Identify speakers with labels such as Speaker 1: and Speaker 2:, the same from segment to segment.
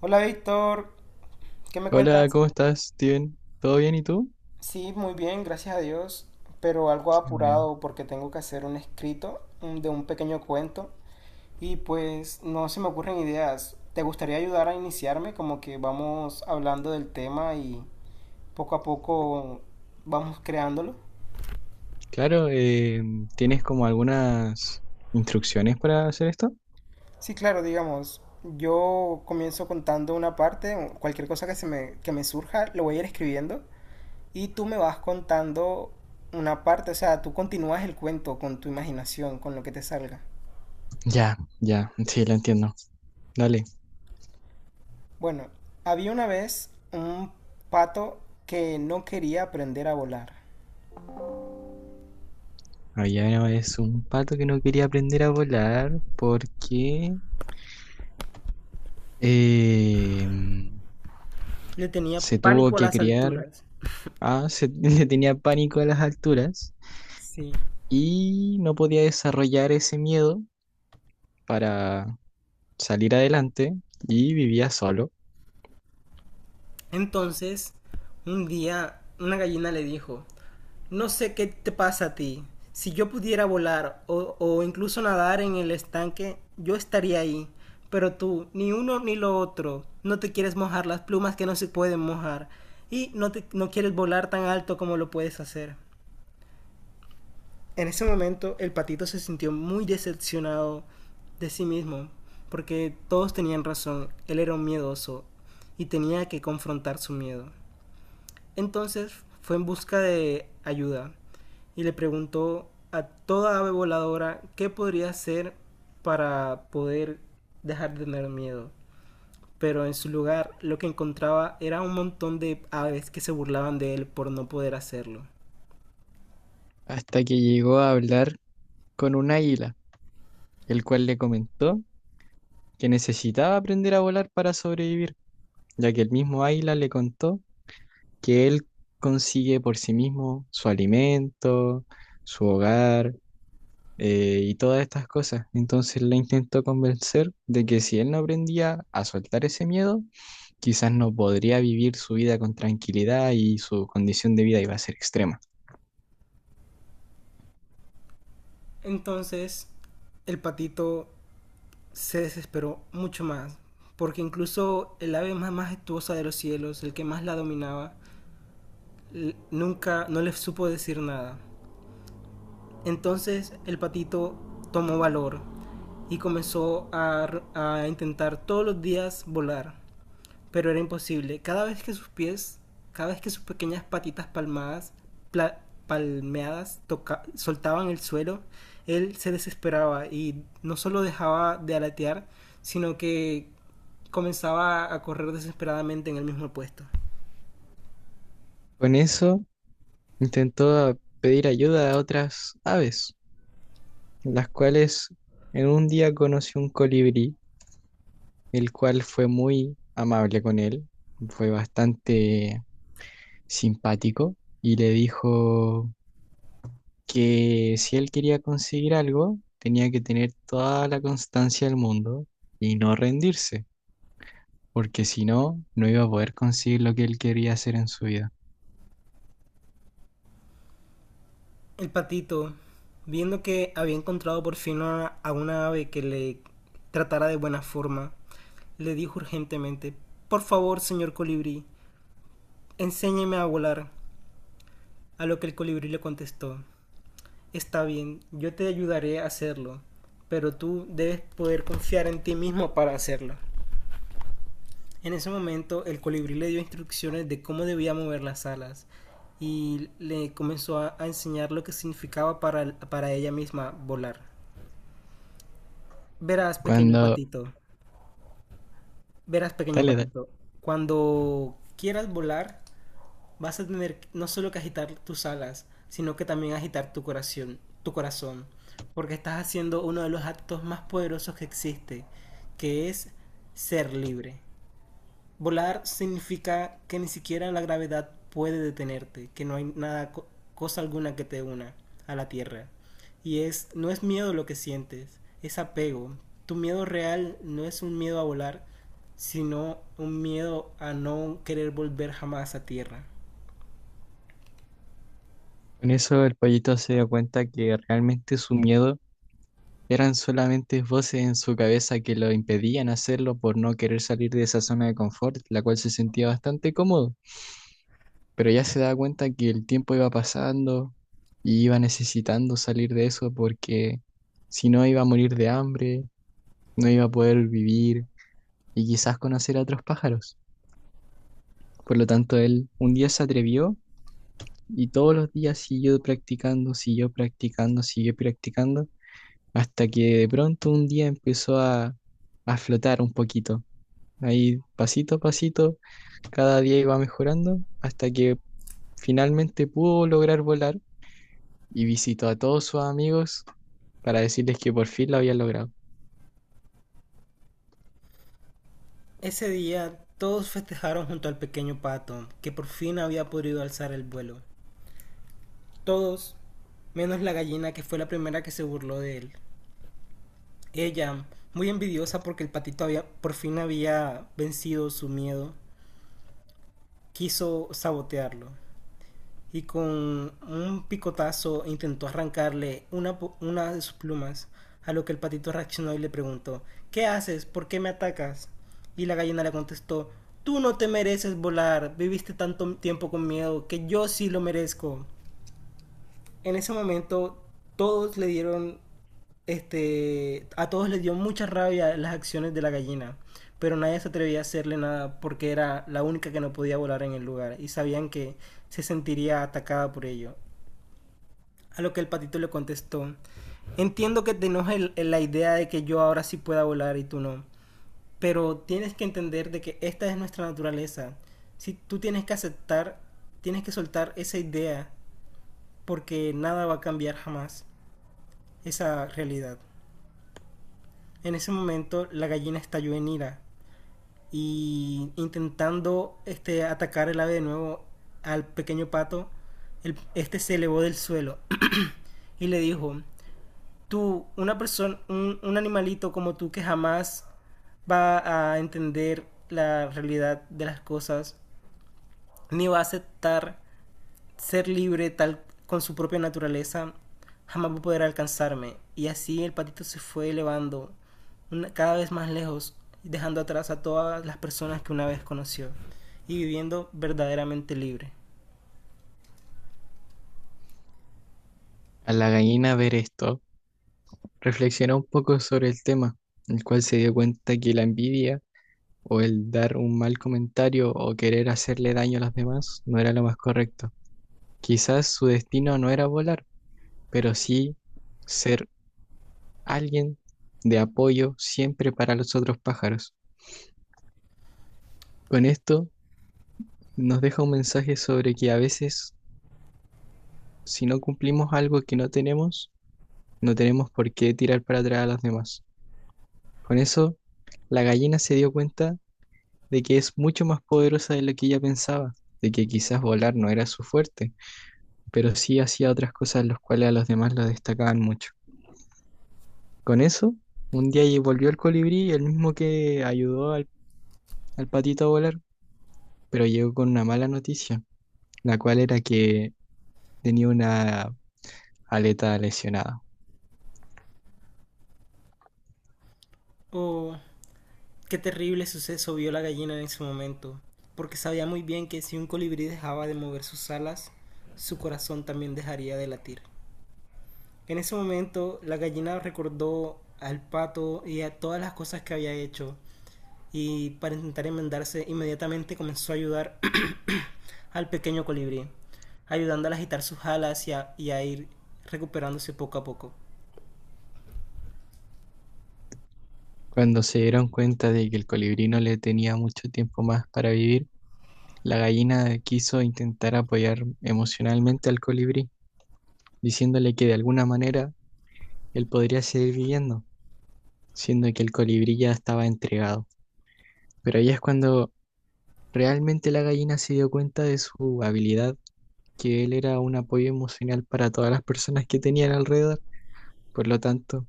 Speaker 1: Hola Víctor, ¿qué me
Speaker 2: Hola,
Speaker 1: cuentas?
Speaker 2: ¿cómo estás, Steven? ¿Todo bien y tú?
Speaker 1: Sí, muy bien, gracias a Dios, pero algo
Speaker 2: Qué bueno.
Speaker 1: apurado porque tengo que hacer un escrito de un pequeño cuento y pues no se me ocurren ideas. ¿Te gustaría ayudar a iniciarme? Como que vamos hablando del tema y poco a poco vamos creándolo.
Speaker 2: Claro, ¿tienes como algunas instrucciones para hacer esto?
Speaker 1: Sí, claro, digamos, yo comienzo contando una parte, cualquier cosa que me surja, lo voy a ir escribiendo y tú me vas contando una parte, o sea, tú continúas el cuento con tu imaginación, con lo que te salga.
Speaker 2: Ya, ya, sí, lo entiendo. Dale.
Speaker 1: Bueno, había una vez un pato que no quería aprender a volar.
Speaker 2: Había una vez un pato que no quería aprender a volar porque eh,
Speaker 1: Le tenía
Speaker 2: se tuvo
Speaker 1: pánico a
Speaker 2: que
Speaker 1: las
Speaker 2: criar,
Speaker 1: alturas.
Speaker 2: ah, se, le tenía pánico a las alturas
Speaker 1: Sí.
Speaker 2: y no podía desarrollar ese miedo para salir adelante y vivía solo
Speaker 1: Entonces, un día una gallina le dijo, no sé qué te pasa a ti. Si yo pudiera volar o incluso nadar en el estanque, yo estaría ahí. Pero tú, ni uno ni lo otro, no te quieres mojar las plumas que no se pueden mojar y no, te, no quieres volar tan alto como lo puedes hacer. En ese momento el patito se sintió muy decepcionado de sí mismo, porque todos tenían razón, él era un miedoso y tenía que confrontar su miedo. Entonces fue en busca de ayuda y le preguntó a toda ave voladora qué podría hacer para poder dejar de tener miedo. Pero en su lugar lo que encontraba era un montón de aves que se burlaban de él por no poder hacerlo.
Speaker 2: hasta que llegó a hablar con un águila. El cual le comentó que necesitaba aprender a volar para sobrevivir, ya que el mismo águila le contó que él consigue por sí mismo su alimento, su hogar y todas estas cosas. Entonces le intentó convencer de que si él no aprendía a soltar ese miedo, quizás no podría vivir su vida con tranquilidad y su condición de vida iba a ser extrema.
Speaker 1: Entonces el patito se desesperó mucho más, porque incluso el ave más majestuosa de los cielos, el que más la dominaba, nunca no le supo decir nada. Entonces el patito tomó valor y comenzó a intentar todos los días volar, pero era imposible. Cada vez que sus pequeñas patitas palmadas, pla, palmeadas, soltaban el suelo, él se desesperaba y no solo dejaba de alatear, sino que comenzaba a correr desesperadamente en el mismo puesto.
Speaker 2: Con eso intentó pedir ayuda a otras aves, las cuales en un día conoció un colibrí, el cual fue muy amable con él, fue bastante simpático y le dijo que si él quería conseguir algo, tenía que tener toda la constancia del mundo y no rendirse, porque si no, no iba a poder conseguir lo que él quería hacer en su vida.
Speaker 1: El patito, viendo que había encontrado por fin a una ave que le tratara de buena forma, le dijo urgentemente, por favor, señor colibrí, enséñeme a volar. A lo que el colibrí le contestó, está bien, yo te ayudaré a hacerlo, pero tú debes poder confiar en ti mismo para hacerlo. En ese momento, el colibrí le dio instrucciones de cómo debía mover las alas y le comenzó a enseñar lo que significaba para ella misma volar. Verás, pequeño
Speaker 2: Cuando...
Speaker 1: patito, verás, pequeño
Speaker 2: Dale, dale.
Speaker 1: patito, cuando quieras volar, vas a tener no solo que agitar tus alas, sino que también agitar tu corazón, porque estás haciendo uno de los actos más poderosos que existe, que es ser libre. Volar significa que ni siquiera la gravedad puede detenerte, que no hay nada, cosa alguna que te una a la tierra. No es miedo lo que sientes, es apego. Tu miedo real no es un miedo a volar, sino un miedo a no querer volver jamás a tierra.
Speaker 2: Con eso el pollito se dio cuenta que realmente su miedo eran solamente voces en su cabeza que lo impedían hacerlo por no querer salir de esa zona de confort, la cual se sentía bastante cómodo, pero ya se daba cuenta que el tiempo iba pasando y iba necesitando salir de eso porque si no iba a morir de hambre, no iba a poder vivir y quizás conocer a otros pájaros. Por lo tanto, él un día se atrevió y todos los días siguió practicando, siguió practicando, siguió practicando, hasta que de pronto un día empezó a flotar un poquito. Ahí pasito a pasito, cada día iba mejorando hasta que finalmente pudo lograr volar y visitó a todos sus amigos para decirles que por fin lo había logrado.
Speaker 1: Ese día todos festejaron junto al pequeño pato, que por fin había podido alzar el vuelo. Todos, menos la gallina que fue la primera que se burló de él. Ella, muy envidiosa porque el por fin había vencido su miedo, quiso sabotearlo y con un picotazo intentó arrancarle una de sus plumas, a lo que el patito reaccionó y le preguntó, ¿qué haces? ¿Por qué me atacas? Y la gallina le contestó, tú no te mereces volar, viviste tanto tiempo con miedo que yo sí lo merezco. En ese momento todos le dieron Este, A todos les dio mucha rabia las acciones de la gallina, pero nadie se atrevía a hacerle nada porque era la única que no podía volar en el lugar y sabían que se sentiría atacada por ello. A lo que el patito le contestó, entiendo que te enoja la idea de que yo ahora sí pueda volar y tú no, pero tienes que entender de que esta es nuestra naturaleza. Si tú tienes que aceptar, tienes que soltar esa idea porque nada va a cambiar jamás esa realidad. En ese momento la gallina estalló en ira y atacar el ave de nuevo al pequeño pato, este se elevó del suelo y le dijo, tú, una persona, un animalito como tú que jamás va a entender la realidad de las cosas, ni va a aceptar ser libre tal con su propia naturaleza jamás va a poder alcanzarme. Y así el patito se fue elevando cada vez más lejos, dejando atrás a todas las personas que una vez conoció y viviendo verdaderamente libre.
Speaker 2: Al la gallina ver esto, reflexionó un poco sobre el tema, el cual se dio cuenta que la envidia o el dar un mal comentario o querer hacerle daño a los demás no era lo más correcto. Quizás su destino no era volar, pero sí ser alguien de apoyo siempre para los otros pájaros. Con esto nos deja un mensaje sobre que a veces, si no cumplimos algo que no tenemos, no tenemos por qué tirar para atrás a los demás. Con eso, la gallina se dio cuenta de que es mucho más poderosa de lo que ella pensaba, de que quizás volar no era su fuerte, pero sí hacía otras cosas las cuales a los demás lo destacaban mucho. Con eso, un día volvió el colibrí, el mismo que ayudó al patito a volar, pero llegó con una mala noticia, la cual era que tenía una aleta lesionada.
Speaker 1: Oh, qué terrible suceso vio la gallina en ese momento, porque sabía muy bien que si un colibrí dejaba de mover sus alas, su corazón también dejaría de latir. En ese momento, la gallina recordó al pato y a todas las cosas que había hecho y para intentar enmendarse inmediatamente comenzó a ayudar al pequeño colibrí, ayudándole a agitar sus alas y a ir recuperándose poco a poco.
Speaker 2: Cuando se dieron cuenta de que el colibrí no le tenía mucho tiempo más para vivir, la gallina quiso intentar apoyar emocionalmente al colibrí, diciéndole que de alguna manera él podría seguir viviendo, siendo que el colibrí ya estaba entregado. Pero ahí es cuando realmente la gallina se dio cuenta de su habilidad, que él era un apoyo emocional para todas las personas que tenían alrededor. Por lo tanto,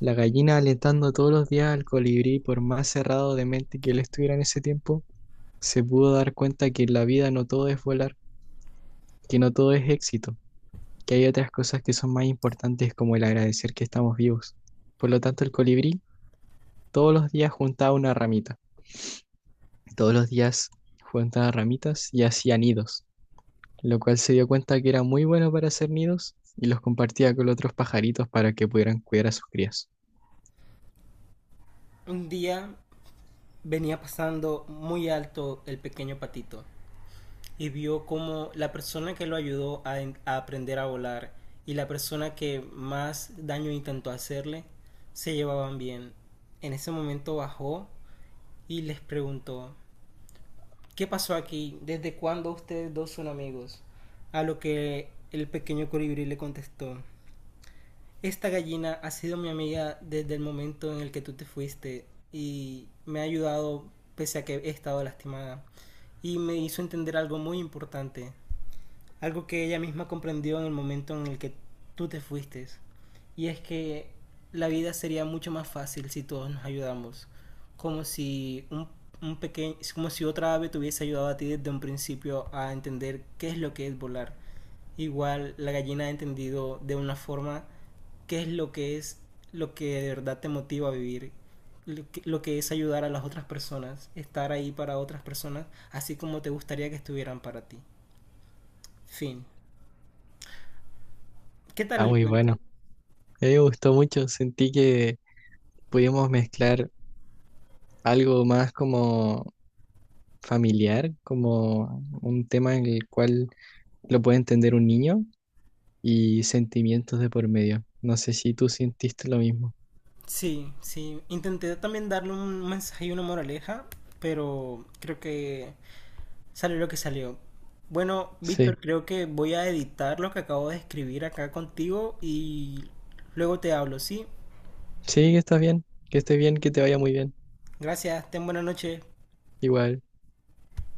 Speaker 2: la gallina alentando todos los días al colibrí, por más cerrado de mente que él estuviera en ese tiempo, se pudo dar cuenta que en la vida no todo es volar, que no todo es éxito, que hay otras cosas que son más importantes como el agradecer que estamos vivos. Por lo tanto, el colibrí todos los días juntaba una ramita, todos los días juntaba ramitas y hacía nidos, lo cual se dio cuenta que era muy bueno para hacer nidos y los compartía con otros pajaritos para que pudieran cuidar a sus crías.
Speaker 1: Un día venía pasando muy alto el pequeño patito y vio como la persona que lo a aprender a volar y la persona que más daño intentó hacerle se llevaban bien. En ese momento bajó y les preguntó, ¿qué pasó aquí? ¿Desde cuándo ustedes dos son amigos? A lo que el pequeño colibrí le contestó. Esta gallina ha sido mi amiga desde el momento en el que tú te fuiste y me ha ayudado pese a que he estado lastimada. Y me hizo entender algo muy importante, algo que ella misma comprendió en el momento en el que tú te fuiste. Y es que la vida sería mucho más fácil si todos nos ayudamos. Como si un, un pequeño, Como si otra ave te hubiese ayudado a ti desde un principio a entender qué es lo que es volar. Igual la gallina ha entendido de una forma qué es lo que de verdad te motiva a vivir, lo que es ayudar a las otras personas, estar ahí para otras personas, así como te gustaría que estuvieran para ti. Fin. ¿Qué tal
Speaker 2: Está
Speaker 1: el
Speaker 2: muy
Speaker 1: cuento?
Speaker 2: bueno. A mí me gustó mucho, sentí que pudimos mezclar algo más como familiar, como un tema en el cual lo puede entender un niño y sentimientos de por medio. No sé si tú sentiste lo mismo.
Speaker 1: Sí, sí. Intenté también darle un mensaje y una moraleja, pero creo que salió lo que salió. Bueno, Víctor,
Speaker 2: Sí,
Speaker 1: creo que voy a editar lo que acabo de escribir acá contigo y luego te hablo, ¿sí?
Speaker 2: sí, que estás bien, que estés bien, que te vaya muy bien.
Speaker 1: Gracias, ten buena noche.
Speaker 2: Igual.